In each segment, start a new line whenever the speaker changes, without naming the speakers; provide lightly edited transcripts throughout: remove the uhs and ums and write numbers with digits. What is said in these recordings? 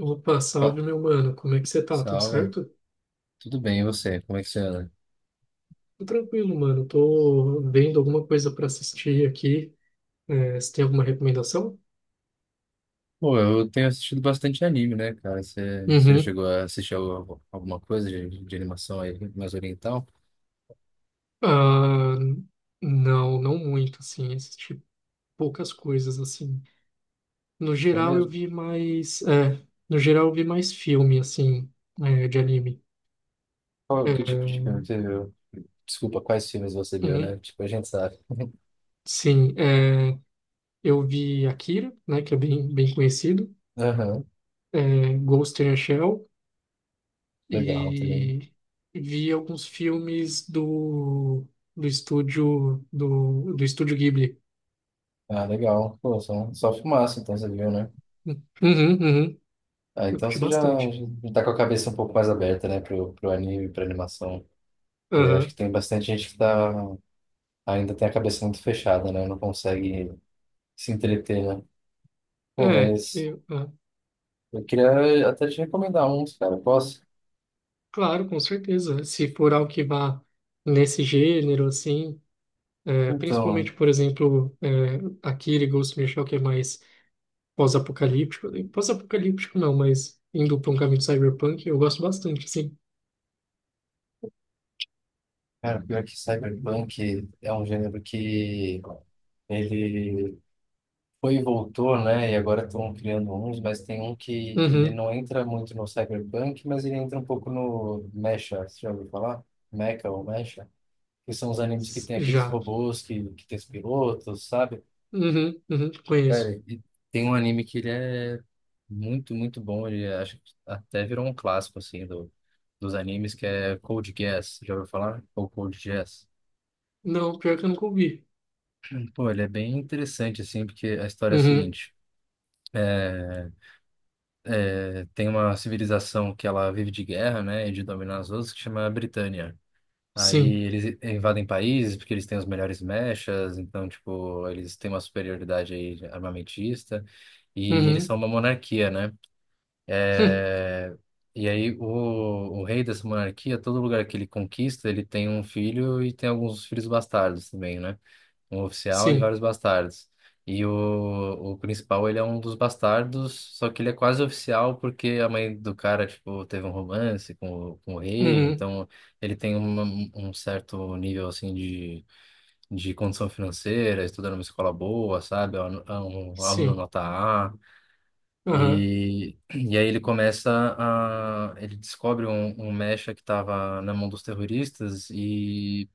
Opa,
Opa,
salve meu mano, como é que você tá? Tudo
salve,
certo?
tudo bem, e você? Como é que você anda?
Tô tranquilo, mano. Tô vendo alguma coisa pra assistir aqui. É, você tem alguma recomendação?
Pô, eu tenho assistido bastante anime, né, cara? Você
Uhum.
chegou a assistir alguma coisa de animação aí mais oriental?
Ah, não, não muito, assim. Assisti poucas coisas, assim. No
É
geral eu
mesmo?
vi mais. É, no geral eu vi mais filme, assim, de anime. É,
Qual, que tipo de filme você viu? Desculpa, quais filmes você viu, né?
uhum.
Tipo, a gente sabe.
Sim, é, eu vi Akira, né, que é bem, bem conhecido.
Aham,
É, Ghost in the Shell,
legal também.
e vi alguns filmes do estúdio Ghibli.
Ah, legal. Pô, só fumaça, então você viu, né?
Hum. Uhum, uhum.
Ah,
Eu
então
curti
você já,
bastante.
já tá com a cabeça um pouco mais aberta, né, pro anime, pra animação. Porque acho
Aham.
que tem bastante gente que ainda tem a cabeça muito fechada, né? Não consegue se entreter, né? Pô,
É,
mas eu queria até te recomendar uns, cara. Posso?
claro, com certeza. Se for algo que vá nesse gênero, assim, é,
Então,
principalmente, por exemplo, é, Akira e Ghost in the Shell, que é mais pós-apocalíptico. Pós-apocalíptico não, mas indo para um caminho cyberpunk, eu gosto bastante, sim.
cara, pior que Cyberpunk é um gênero que ele foi e voltou, né? E agora estão criando uns, mas tem um que ele
Uhum.
não entra muito no Cyberpunk, mas ele entra um pouco no Mecha, você já ouviu falar? Mecha ou Mecha? Que são os animes que tem aqueles
Já.
robôs que tem os pilotos, sabe?
Uhum, uhum,
Cara,
conheço.
e tem um anime que ele é muito, muito bom. Acho que até virou um clássico, assim, do, dos animes, que é Code Geass. Já ouviu falar? Ou Code Geass?
Não, pior que eu nunca ouvi.
Pô, ele é bem interessante, assim, porque a história é a
Uhum.
seguinte. é, Tem uma civilização que ela vive de guerra, né, e de dominar as outras, que chama Britânia.
Sim.
Aí eles invadem países porque eles têm os melhores mechas, então, tipo, eles têm uma superioridade aí armamentista. E eles são
Uhum.
uma monarquia, né?
Hum.
É, E aí o rei dessa monarquia, todo lugar que ele conquista, ele tem um filho e tem alguns filhos bastardos também, né? Um oficial e
Sim.
vários bastardos. E o principal, ele é um dos bastardos, só que ele é quase oficial porque a mãe do cara, tipo, teve um romance com o rei,
Uhum.
então ele tem um certo nível, assim, de condição financeira, estuda numa escola boa, sabe? É um aluno
Sim.
nota A.
Aham.
E aí ele começa a. Ele descobre um mecha que estava na mão dos terroristas, e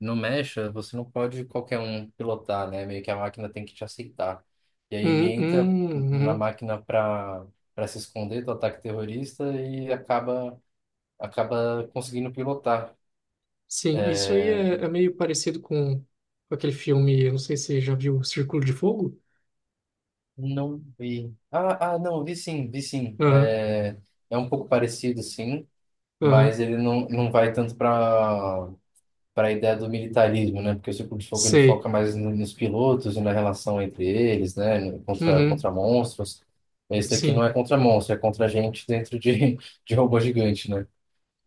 no mecha você não pode qualquer um pilotar, né? Meio que a máquina tem que te aceitar. E aí ele
Uhum.
entra
Uhum.
na
Uhum.
máquina para se esconder do ataque terrorista e acaba conseguindo pilotar.
Sim. Isso aí
É,
é meio parecido com aquele filme. Eu não sei se você já viu, Círculo de Fogo?
não vi. Não, vi sim, vi sim.
Aham.
É, é um pouco parecido, sim, mas
Aham.
ele não vai tanto para a ideia do militarismo, né? Porque o Círculo de Fogo ele foca
Sei.
mais nos pilotos e na relação entre eles, né? Contra,
Uhum.
contra monstros. Esse daqui não
Sim.
é contra monstro, é contra gente dentro de, de robô gigante, né?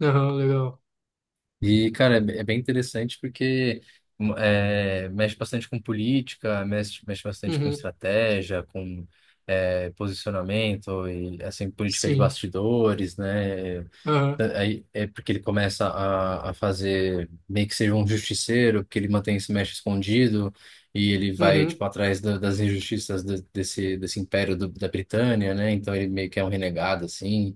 Aham, legal.
E, cara, é é bem interessante porque mexe bastante com política, mexe bastante com
Uhum.
estratégia, com posicionamento e, assim, política de
Sim.
bastidores, né?
Aham.
Aí é porque ele começa a fazer meio que seja um justiceiro, porque ele mantém esse mestre escondido e ele vai
Uhum.
tipo atrás das injustiças desse império da Britânia, né? Então ele meio que é um renegado assim.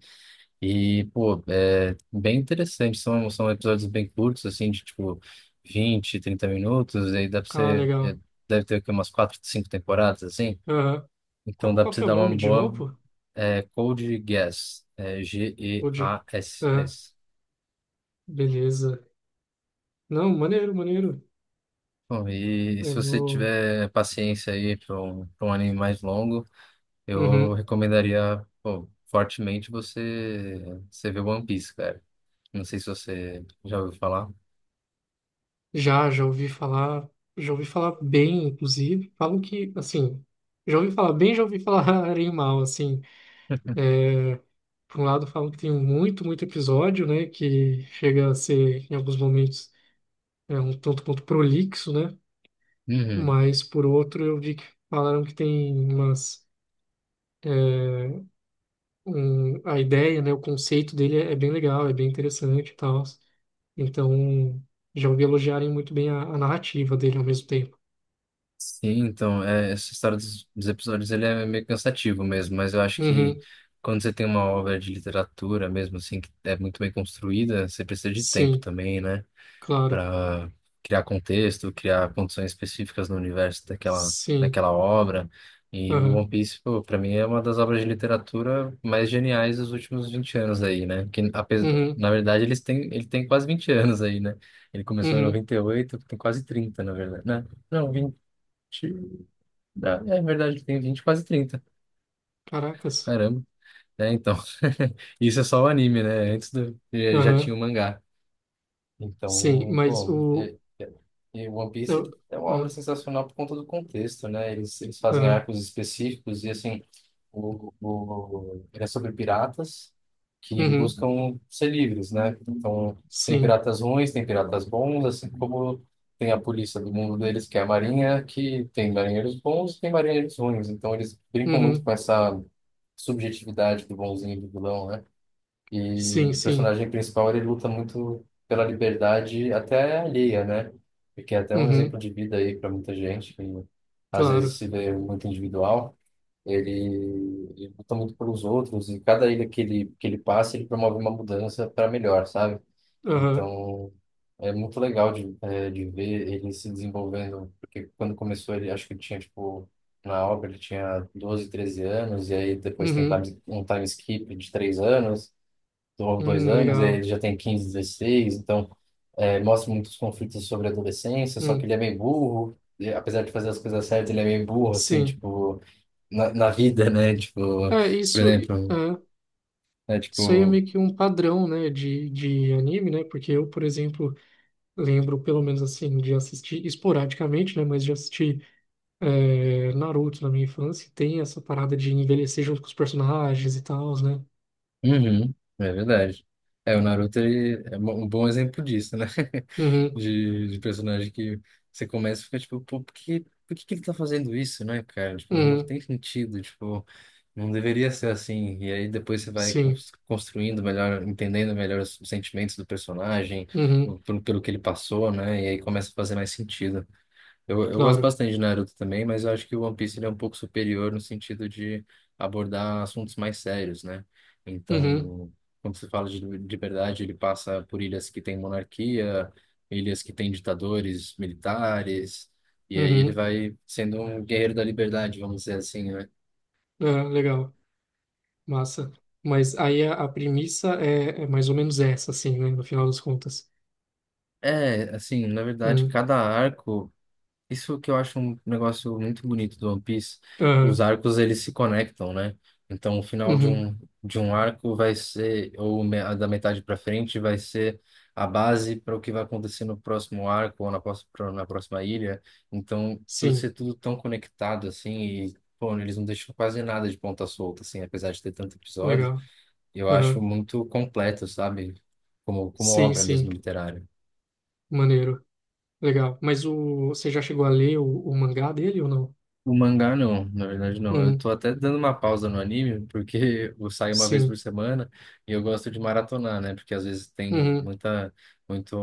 E pô, é bem interessante. São episódios bem curtos assim, de tipo 20 a 30 minutos. E aí dá pra
Ah,
você
legal.
deve ter aqui umas quatro, cinco temporadas assim.
Aham.
Então
Qual,
dá
qual
pra
que
você
é o
dar uma
nome de
boa
novo?
Code Geass,
O de... Aham.
Geass.
Beleza. Não, maneiro, maneiro.
Bom, e se
Eu
você
vou...
tiver paciência aí pra um anime mais longo, eu
Uhum.
recomendaria, pô, fortemente você, você ver One Piece, cara. Não sei se você já ouviu falar.
Já ouvi falar, já ouvi falar bem, inclusive. Falam que, assim, já ouvi falar bem, já ouvi falar em mal, assim. Por um lado, falam que tem muito, muito episódio, né? Que chega a ser, em alguns momentos, um tanto quanto prolixo, né?
Uhum.
Mas, por outro, eu vi que falaram que tem umas. é, a ideia, né? O conceito dele é bem legal, é bem interessante e tal. Então, já ouvi elogiarem muito bem a narrativa dele ao mesmo tempo.
Sim, então, é, essa história dos episódios, ele é meio cansativo mesmo, mas eu acho que
Uhum,
quando você tem uma obra de literatura mesmo, assim, que é muito bem construída, você precisa de tempo
sim,
também, né?
claro.
Para criar contexto, criar condições específicas no universo daquela,
Sim.
daquela obra. E o One
Aham.
Piece, pô, para mim é uma das obras de literatura mais geniais dos últimos 20 anos aí, né? Que apesar,
Uhum.
na verdade ele tem quase 20 anos aí, né? Ele começou em
Uhum.
98, tem quase 30 na verdade, né? Não, 20, é verdade, ele tem 20 quase 30.
Caracas.
Caramba. É, então, isso é só o anime, né? Antes do, já tinha
Aham.
o mangá.
Sim,
Então,
mas
pô,
o.
e One Piece
Eu...
ele é uma obra
Aham.
sensacional por conta do contexto, né? Eles fazem
Aham.
arcos específicos e, assim, ele é sobre piratas que
Uhum.
buscam ser livres, né? Então, tem
Sim.
piratas ruins, tem piratas bons, assim como tem a polícia do mundo deles, que é a Marinha, que tem marinheiros bons e tem marinheiros ruins. Então, eles brincam muito
Uhum.
com essa subjetividade do bonzinho e do vilão, né? E
Sim,
o
sim.
personagem principal, ele luta muito pela liberdade até alheia, né? Porque é até um
Uhum.
exemplo de vida aí para muita gente que às vezes
Claro.
se vê muito individual. Ele, ele luta muito pelos outros e cada ilha que ele passa, ele promove uma mudança para melhor, sabe?
Aham.
Então, é muito legal de ver ele se desenvolvendo, porque quando começou ele, acho que ele tinha, tipo, na obra ele tinha 12 a 13 anos, e aí depois tem
Uhum.
um time skip de 3 anos, ou dois anos,
Legal.
ele já tem 15 a 16 então mostra muitos conflitos sobre a adolescência, só que
Hum.
ele é meio burro, e, apesar de fazer as coisas certas, ele é meio burro, assim,
Sim.
tipo, na vida, né? Tipo,
É,
por
isso, é,
exemplo, né?
isso aí é
Tipo,
meio que um padrão, né, de anime, né? Porque eu, por exemplo, lembro, pelo menos assim, de assistir esporadicamente, né? Mas de assistir. Naruto na minha infância tem essa parada de envelhecer junto com os personagens e tal, né?
uhum, é verdade. É, o Naruto ele é um bom exemplo disso, né?
Uhum,
De personagem que você começa e fica tipo, pô, por que que ele tá fazendo isso, né, cara? Tipo, não
uhum,
tem sentido, tipo, não deveria ser assim. E aí depois você vai
sim,
construindo melhor, entendendo melhor os sentimentos do personagem,
uhum,
pelo que ele passou, né? E aí começa a fazer mais sentido. Eu gosto
claro.
bastante de Naruto também, mas eu acho que o One Piece ele é um pouco superior no sentido de abordar assuntos mais sérios, né?
Uhum,
Então, quando se fala de liberdade, ele passa por ilhas que têm monarquia, ilhas que têm ditadores militares, e aí ele
uhum,
vai sendo um guerreiro da liberdade, vamos dizer assim, né?
legal, massa. Mas aí a premissa é mais ou menos essa, assim, né? No final das contas.
É, assim, na verdade,
Uhum,
cada arco. Isso que eu acho um negócio muito bonito do One Piece, os
aham,
arcos eles se conectam, né? Então o final de
uhum,
um de um arco vai ser ou da metade para frente vai ser a base para o que vai acontecer no próximo arco ou na próxima ilha. Então por
sim,
ser tudo tão conectado assim e pô, eles não deixam quase nada de ponta solta assim, apesar de ter tanto episódio,
legal.
eu acho
Aham,
muito completo, sabe? Como
sim,
obra
sim,
mesmo literária.
maneiro, legal. Você já chegou a ler o mangá dele ou não?
O mangá não, na verdade não. Eu
Uhum,
tô até dando uma pausa no anime, porque eu saio uma vez por
sim,
semana e eu gosto de maratonar, né? Porque às vezes tem
uhum,
muita, muito,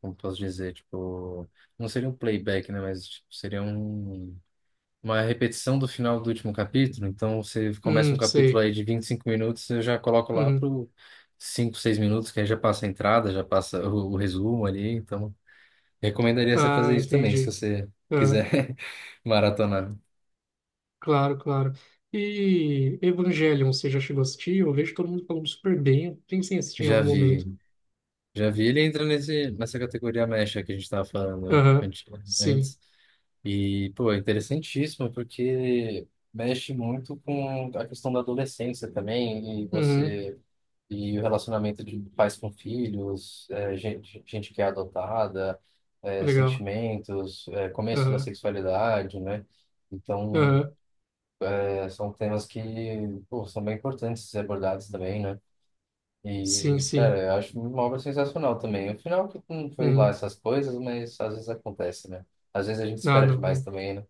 como posso dizer, tipo, não seria um playback, né? Mas tipo, seria um, uma repetição do final do último capítulo. Então você começa um
uhum,
capítulo
sei.
aí de 25 minutos, eu já coloco lá
Uhum.
pro 5, 6 minutos, que aí já passa a entrada, já passa o resumo ali. Então recomendaria você
Ah,
fazer isso também, se
entendi.
você
É,
quiser maratonar.
claro, claro. E Evangelion, você já chegou a assistir? Eu vejo todo mundo falando super bem. Eu pensei em assistir em
Já
algum
vi,
momento.
já vi. Ele entra nesse, nessa categoria mecha que a gente estava falando
Aham,
antes.
sim.
antes. E, pô, é interessantíssimo, porque mexe muito com a questão da adolescência também, e
Uhum,
você, e o relacionamento de pais com filhos, é, gente que é adotada, é,
legal.
sentimentos, é, começo da
Aham,
sexualidade, né? Então,
aham,
é, são temas que, pô, são bem importantes de ser abordados também, né?
sim,
E, cara,
sim.
eu acho uma obra sensacional também. O final que não foi lá
Uhum.
essas coisas, mas às vezes acontece, né? Às vezes a gente
Ah,
espera
não.
demais
É.
também, né?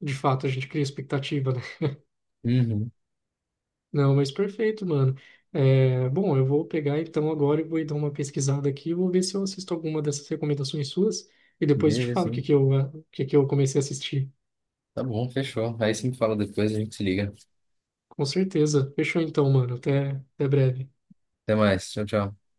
De fato, a gente cria expectativa, né?
Uhum.
Não, mas perfeito, mano. É, bom, eu vou pegar então agora e vou dar uma pesquisada aqui. Vou ver se eu assisto alguma dessas recomendações suas. E depois eu te
Beleza,
falo
sim.
o que que eu comecei a assistir.
Tá bom, fechou. Aí você me fala depois, a gente se liga.
Com certeza. Fechou então, mano. Até breve.
Até mais. Tchau, tchau.